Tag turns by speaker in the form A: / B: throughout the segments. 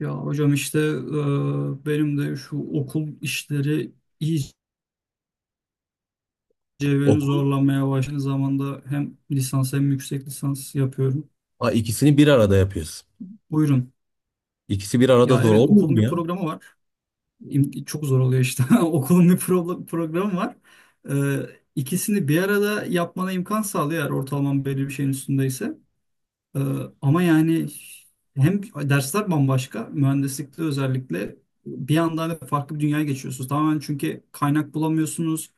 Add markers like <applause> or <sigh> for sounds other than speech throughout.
A: Ya hocam işte benim de şu okul işleri iyice beni
B: Okul,
A: zorlamaya başladı. Zamanda hem lisans hem yüksek lisans yapıyorum.
B: ha, ikisini bir arada yapıyorsun.
A: Buyurun.
B: İkisi bir arada
A: Ya
B: zor
A: evet
B: olmuyor
A: okulun
B: mu
A: bir
B: ya?
A: programı var. Çok zor oluyor işte. <laughs> Okulun bir programı var. E, ikisini bir arada yapmana imkan sağlıyor eğer ortalaman belli bir şeyin üstündeyse. E, Ama yani hem dersler bambaşka. Mühendislikte özellikle bir anda hani farklı bir dünyaya geçiyorsunuz. Tamamen çünkü kaynak bulamıyorsunuz.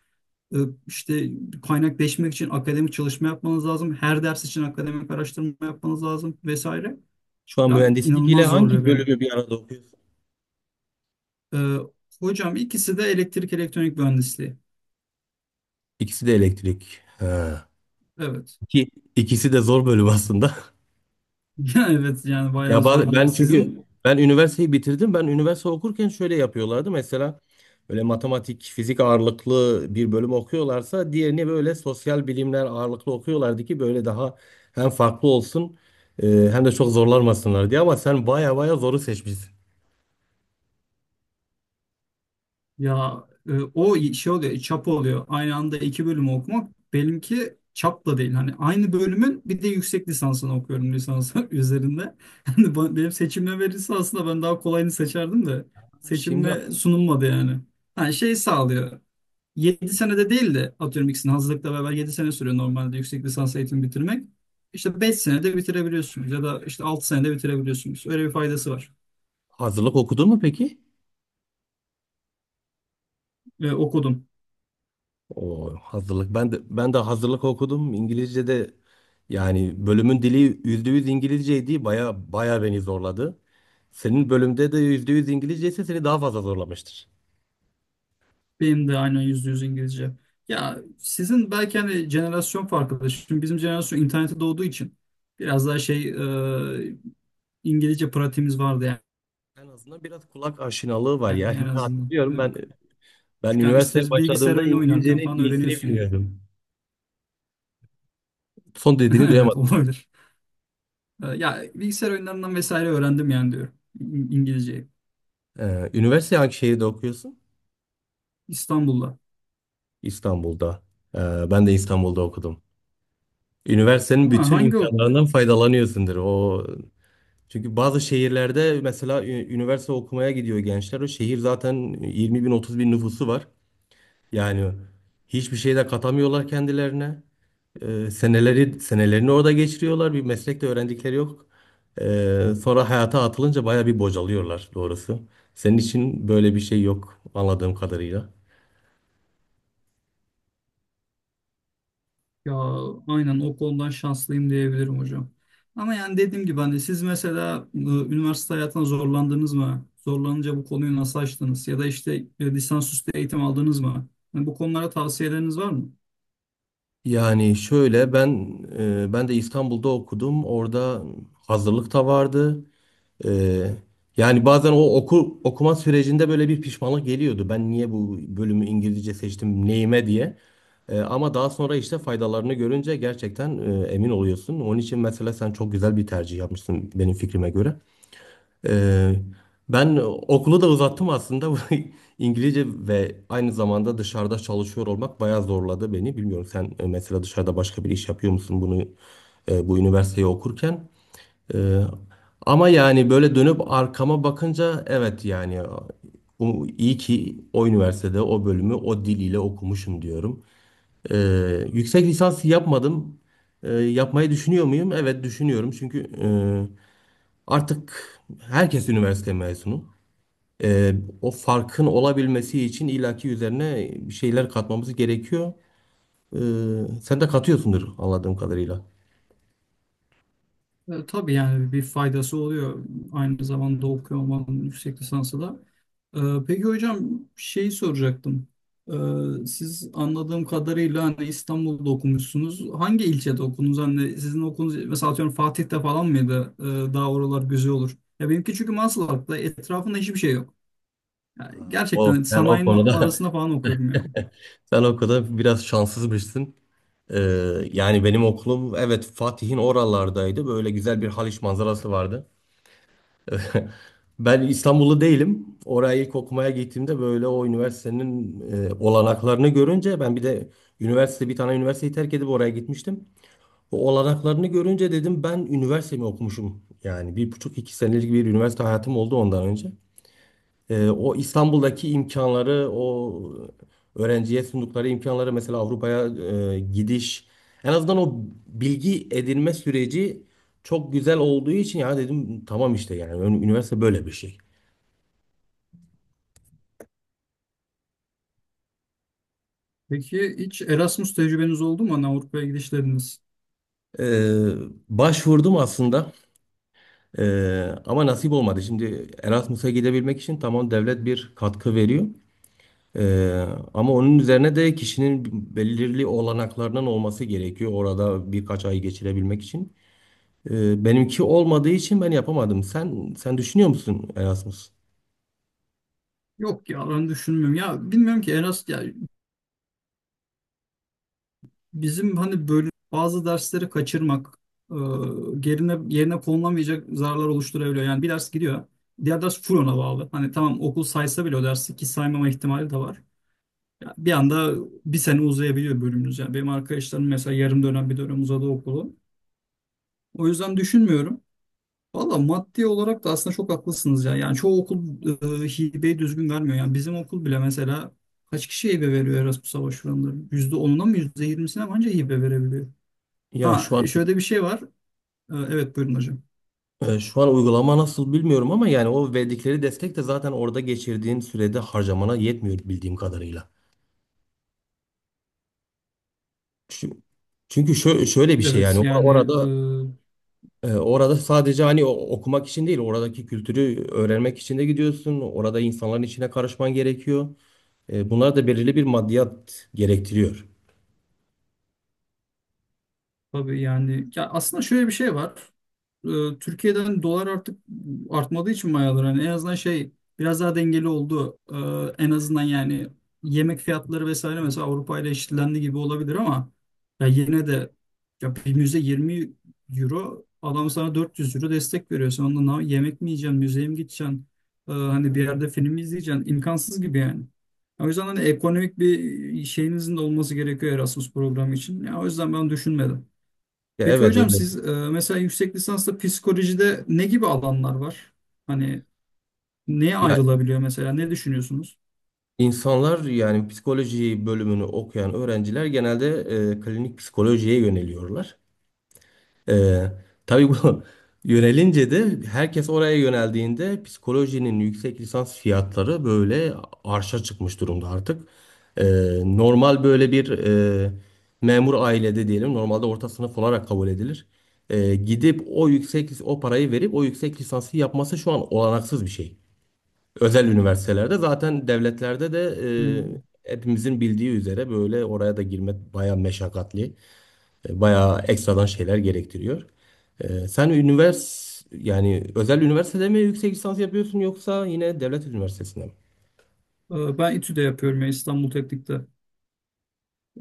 A: E, işte kaynakleşmek için akademik çalışma yapmanız lazım. Her ders için akademik araştırma yapmanız lazım vesaire.
B: Şu an
A: Ya
B: mühendislik ile
A: inanılmaz
B: hangi
A: zorluyor beni.
B: bölümü bir arada okuyorsun?
A: E, Hocam ikisi de elektrik elektronik mühendisliği.
B: İkisi de elektrik. Ha.
A: Evet.
B: İki, ikisi de zor bölüm aslında. <laughs>
A: <laughs> Evet yani bayağı
B: Ya
A: zorluyor.
B: ben çünkü
A: Sizin
B: ben üniversiteyi bitirdim. Ben üniversite okurken şöyle yapıyorlardı. Mesela böyle matematik, fizik ağırlıklı bir bölüm okuyorlarsa diğerini böyle sosyal bilimler ağırlıklı okuyorlardı ki böyle daha hem farklı olsun hem de çok zorlanmasınlar diye. Ama sen baya baya zoru seçmişsin.
A: ya o şey oluyor, çap oluyor. Aynı anda iki bölümü okumak benimki çapla değil. Hani aynı bölümün bir de yüksek lisansını okuyorum lisans <laughs> üzerinde. Hani benim seçimime verirse aslında ben daha kolayını seçerdim de
B: Şimdi
A: seçimime sunulmadı yani. Yani şey sağlıyor. 7 senede değil de atıyorum ikisini hazırlıkla beraber 7 sene sürüyor normalde yüksek lisans eğitimi bitirmek. İşte 5 senede bitirebiliyorsunuz ya da işte 6 senede bitirebiliyorsunuz. Öyle bir faydası var.
B: hazırlık okudun mu peki?
A: Okudum.
B: O hazırlık. Ben de hazırlık okudum. İngilizce'de yani bölümün dili %100 İngilizceydi. Baya baya beni zorladı. Senin bölümde de %100 İngilizce ise seni daha fazla zorlamıştır.
A: Benim de aynen yüzde yüz İngilizce. Ya sizin belki hani jenerasyon farkıdır. Şimdi bizim jenerasyon internete doğduğu için biraz daha şey e, İngilizce pratiğimiz vardı yani,
B: En azından biraz kulak aşinalığı var ya. <laughs>
A: yani en
B: Ben
A: azından.
B: hatırlıyorum
A: Ne
B: ben
A: olacak?
B: ben
A: Çünkü hani
B: üniversiteye
A: ister bilgisayar
B: başladığımda
A: oyunu oynarken
B: İngilizcenin
A: falan
B: iyisini
A: öğreniyorsun yani.
B: bilmiyordum. Son
A: <laughs>
B: dediğini
A: Evet
B: duyamadım.
A: olabilir. Ya bilgisayar oyunlarından vesaire öğrendim yani diyorum İngilizceyi.
B: Üniversite hangi şehirde okuyorsun?
A: İstanbul'da.
B: İstanbul'da. Ben de İstanbul'da okudum. Üniversitenin
A: Ha,
B: bütün
A: hangi
B: imkanlarından faydalanıyorsundur. O çünkü bazı şehirlerde mesela üniversite okumaya gidiyor gençler. O şehir zaten 20 bin 30 bin nüfusu var. Yani hiçbir şey de katamıyorlar kendilerine. Seneleri senelerini orada geçiriyorlar. Bir meslek de öğrendikleri yok. Sonra hayata atılınca baya bir bocalıyorlar doğrusu. Senin için böyle bir şey yok anladığım kadarıyla.
A: ya aynen o konudan şanslıyım diyebilirim hocam. Ama yani dediğim gibi hani siz mesela üniversite hayatına zorlandınız mı? Zorlanınca bu konuyu nasıl açtınız? Ya da işte lisansüstü eğitim aldınız mı? Yani bu konulara tavsiyeleriniz var mı?
B: Yani şöyle ben ben de İstanbul'da okudum. Orada hazırlık da vardı. Ee, Yani bazen okuma sürecinde böyle bir pişmanlık geliyordu. Ben niye bu bölümü İngilizce seçtim, neyime diye. Ama daha sonra işte faydalarını görünce gerçekten emin oluyorsun. Onun için mesela sen çok güzel bir tercih yapmışsın benim fikrime göre. Ee, Ben okulu da uzattım aslında. <laughs> Bu İngilizce ve aynı zamanda dışarıda çalışıyor olmak bayağı zorladı beni. Bilmiyorum sen mesela dışarıda başka bir iş yapıyor musun bunu bu üniversiteyi okurken? Ee, Ama yani böyle dönüp arkama bakınca evet yani iyi ki o üniversitede o bölümü o diliyle okumuşum diyorum. Yüksek lisans yapmadım. Yapmayı düşünüyor muyum? Evet düşünüyorum çünkü artık herkes üniversite mezunu. Ee, O farkın olabilmesi için illaki üzerine bir şeyler katmamız gerekiyor. Ee, Sen de katıyorsundur anladığım kadarıyla.
A: Tabii yani bir faydası oluyor. Aynı zamanda okuyor olmanın yüksek lisansı da. Ee, Peki hocam şeyi soracaktım. Siz anladığım kadarıyla hani İstanbul'da okumuşsunuz. Hangi ilçede okudunuz? Hani sizin okulunuz mesela atıyorum Fatih'te falan mıydı? Daha oralar güzel olur. Ya benimki çünkü Maslak'ta etrafında hiçbir şey yok. Yani
B: O,
A: gerçekten
B: sen o
A: sanayinin
B: konuda
A: arasında falan okuyorum yani.
B: <laughs> sen o konuda biraz şanssızmışsın. Ee, Yani benim okulum evet Fatih'in oralardaydı. Böyle güzel bir Haliç manzarası vardı. Ben İstanbullu değilim. Oraya ilk okumaya gittiğimde böyle o üniversitenin olanaklarını görünce ben bir de bir tane üniversiteyi terk edip oraya gitmiştim. O olanaklarını görünce dedim ben üniversitemi okumuşum. Yani bir buçuk iki senelik bir üniversite hayatım oldu ondan önce. O İstanbul'daki imkanları, o öğrenciye sundukları imkanları mesela Avrupa'ya gidiş, en azından o bilgi edinme süreci çok güzel olduğu için ya dedim tamam işte yani üniversite böyle bir şey.
A: Peki hiç Erasmus tecrübeniz oldu mu? Hani Avrupa'ya gidişleriniz?
B: Ee, Başvurdum aslında. Ama nasip olmadı. Şimdi Erasmus'a gidebilmek için tamam devlet bir katkı veriyor. Ee, Ama onun üzerine de kişinin belirli olanaklarının olması gerekiyor orada birkaç ay geçirebilmek için. Benimki olmadığı için ben yapamadım. Sen düşünüyor musun Erasmus?
A: Yok ya ben düşünmüyorum. Ya bilmiyorum ki Erasmus ya bizim hani böyle bazı dersleri kaçırmak, e, yerine konulamayacak zararlar oluşturabiliyor. Yani bir ders gidiyor, diğer ders full ona bağlı. Hani tamam okul saysa bile o dersi ki saymama ihtimali de var. Ya bir anda bir sene uzayabiliyor bölümümüz. Yani benim arkadaşlarım mesela yarım dönem bir dönem uzadı okulu. O yüzden düşünmüyorum. Valla maddi olarak da aslında çok haklısınız ya. Yani çoğu okul hibeyi düzgün vermiyor. Yani bizim okul bile mesela kaç kişiye hibe veriyor Erasmus'a başvuranların? %10'una mı %20'sine mi anca hibe verebiliyor?
B: Ya
A: Ha
B: şu an
A: şöyle bir şey var. Evet buyurun hocam.
B: şu an uygulama nasıl bilmiyorum ama yani o verdikleri destek de zaten orada geçirdiğin sürede harcamana yetmiyor bildiğim kadarıyla. Çünkü, çünkü şöyle bir şey yani
A: Evet yani e,
B: orada orada sadece hani okumak için değil oradaki kültürü öğrenmek için de gidiyorsun. Orada insanların içine karışman gerekiyor. E, bunlar da belirli bir maddiyat gerektiriyor.
A: tabii yani ya aslında şöyle bir şey var. Türkiye'den dolar artık artmadığı için mayalar hani en azından şey biraz daha dengeli oldu. En azından yani yemek fiyatları vesaire mesela Avrupa ile eşitlendi gibi olabilir ama ya yine de ya bir müze 20 euro adam sana 400 euro destek veriyor. Sen ondan yemek mi yiyeceksin, müzeye mi gideceksin? Hani bir yerde film mi izleyeceksin? İmkansız gibi yani. O yüzden hani ekonomik bir şeyinizin de olması gerekiyor Erasmus programı için. Ya o yüzden ben düşünmedim.
B: Ya
A: Peki
B: evet
A: hocam
B: öyle.
A: siz mesela yüksek lisansta psikolojide ne gibi alanlar var? Hani neye
B: Ya
A: ayrılabiliyor mesela? Ne düşünüyorsunuz?
B: insanlar yani psikoloji bölümünü okuyan öğrenciler genelde klinik psikolojiye yöneliyorlar. E, tabii bu <laughs> yönelince de herkes oraya yöneldiğinde psikolojinin yüksek lisans fiyatları böyle arşa çıkmış durumda artık. E, normal böyle bir e, memur ailede diyelim normalde orta sınıf olarak kabul edilir. E, gidip o yüksek o parayı verip o yüksek lisansı yapması şu an olanaksız bir şey. Özel üniversitelerde zaten devletlerde de
A: Hmm.
B: hepimizin bildiği üzere böyle oraya da girmek bayağı meşakkatli, bayağı ekstradan şeyler gerektiriyor. E, sen üniversite yani özel üniversitede mi yüksek lisans yapıyorsun yoksa yine devlet üniversitesinde mi?
A: Ben İTÜ'de yapıyorum ya İstanbul Teknik'te.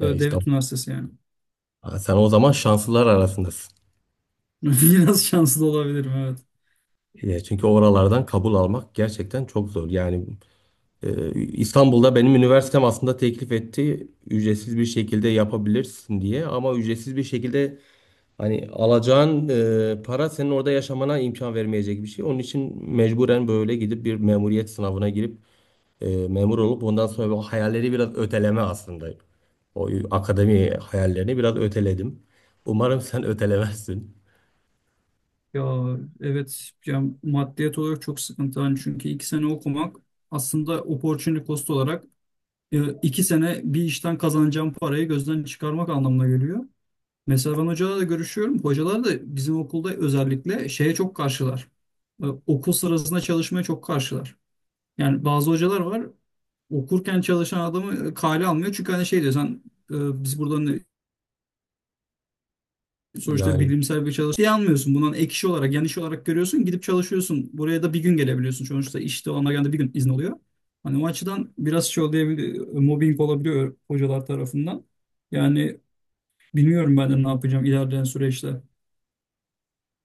B: E, İstanbul.
A: Devlet Üniversitesi yani.
B: Ha, sen o zaman şanslılar arasındasın.
A: <laughs> Biraz şanslı olabilirim evet.
B: E, çünkü oralardan kabul almak gerçekten çok zor. Yani İstanbul'da benim üniversitem aslında teklif etti ücretsiz bir şekilde yapabilirsin diye ama ücretsiz bir şekilde hani alacağın para senin orada yaşamana imkan vermeyecek bir şey. Onun için mecburen böyle gidip bir memuriyet sınavına girip memur olup ondan sonra o hayalleri biraz öteleme aslında. O akademi hayallerini biraz öteledim. Umarım sen ötelemezsin.
A: Ya evet ya maddiyat olarak çok sıkıntı hani çünkü iki sene okumak aslında opportunity cost olarak iki sene bir işten kazanacağım parayı gözden çıkarmak anlamına geliyor. Mesela ben hocalarla görüşüyorum. Hocalar da bizim okulda özellikle şeye çok karşılar. Okul sırasında çalışmaya çok karşılar. Yani bazı hocalar var okurken çalışan adamı kale almıyor. Çünkü hani şey diyor sen biz burada sonuçta
B: Yani
A: bilimsel bir çalışma şey almıyorsun. Bundan ek iş olarak, yan iş olarak görüyorsun. Gidip çalışıyorsun. Buraya da bir gün gelebiliyorsun. Sonuçta işte ona genelde bir gün izin oluyor. Hani o açıdan biraz şey olabiliyor, mobbing olabiliyor hocalar tarafından. Yani bilmiyorum ben de ne yapacağım ilerleyen süreçte.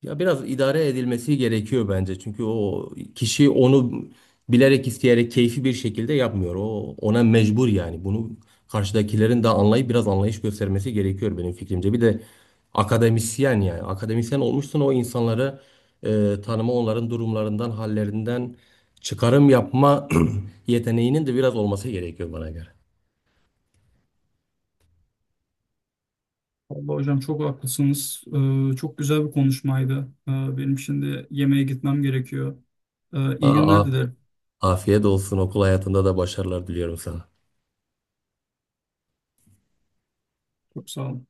B: ya biraz idare edilmesi gerekiyor bence. Çünkü o kişi onu bilerek isteyerek keyfi bir şekilde yapmıyor. O ona mecbur yani. Bunu karşıdakilerin de anlayıp biraz anlayış göstermesi gerekiyor benim fikrimce. Bir de akademisyen yani. Akademisyen olmuşsun o insanları tanıma, onların durumlarından, hallerinden çıkarım yapma <clears throat> yeteneğinin de biraz olması gerekiyor bana göre.
A: Vallahi hocam çok haklısınız. Çok güzel bir konuşmaydı. Benim şimdi yemeğe gitmem gerekiyor. İyi
B: Aa,
A: günler dilerim.
B: afiyet olsun. Okul hayatında da başarılar diliyorum sana.
A: Çok sağ olun.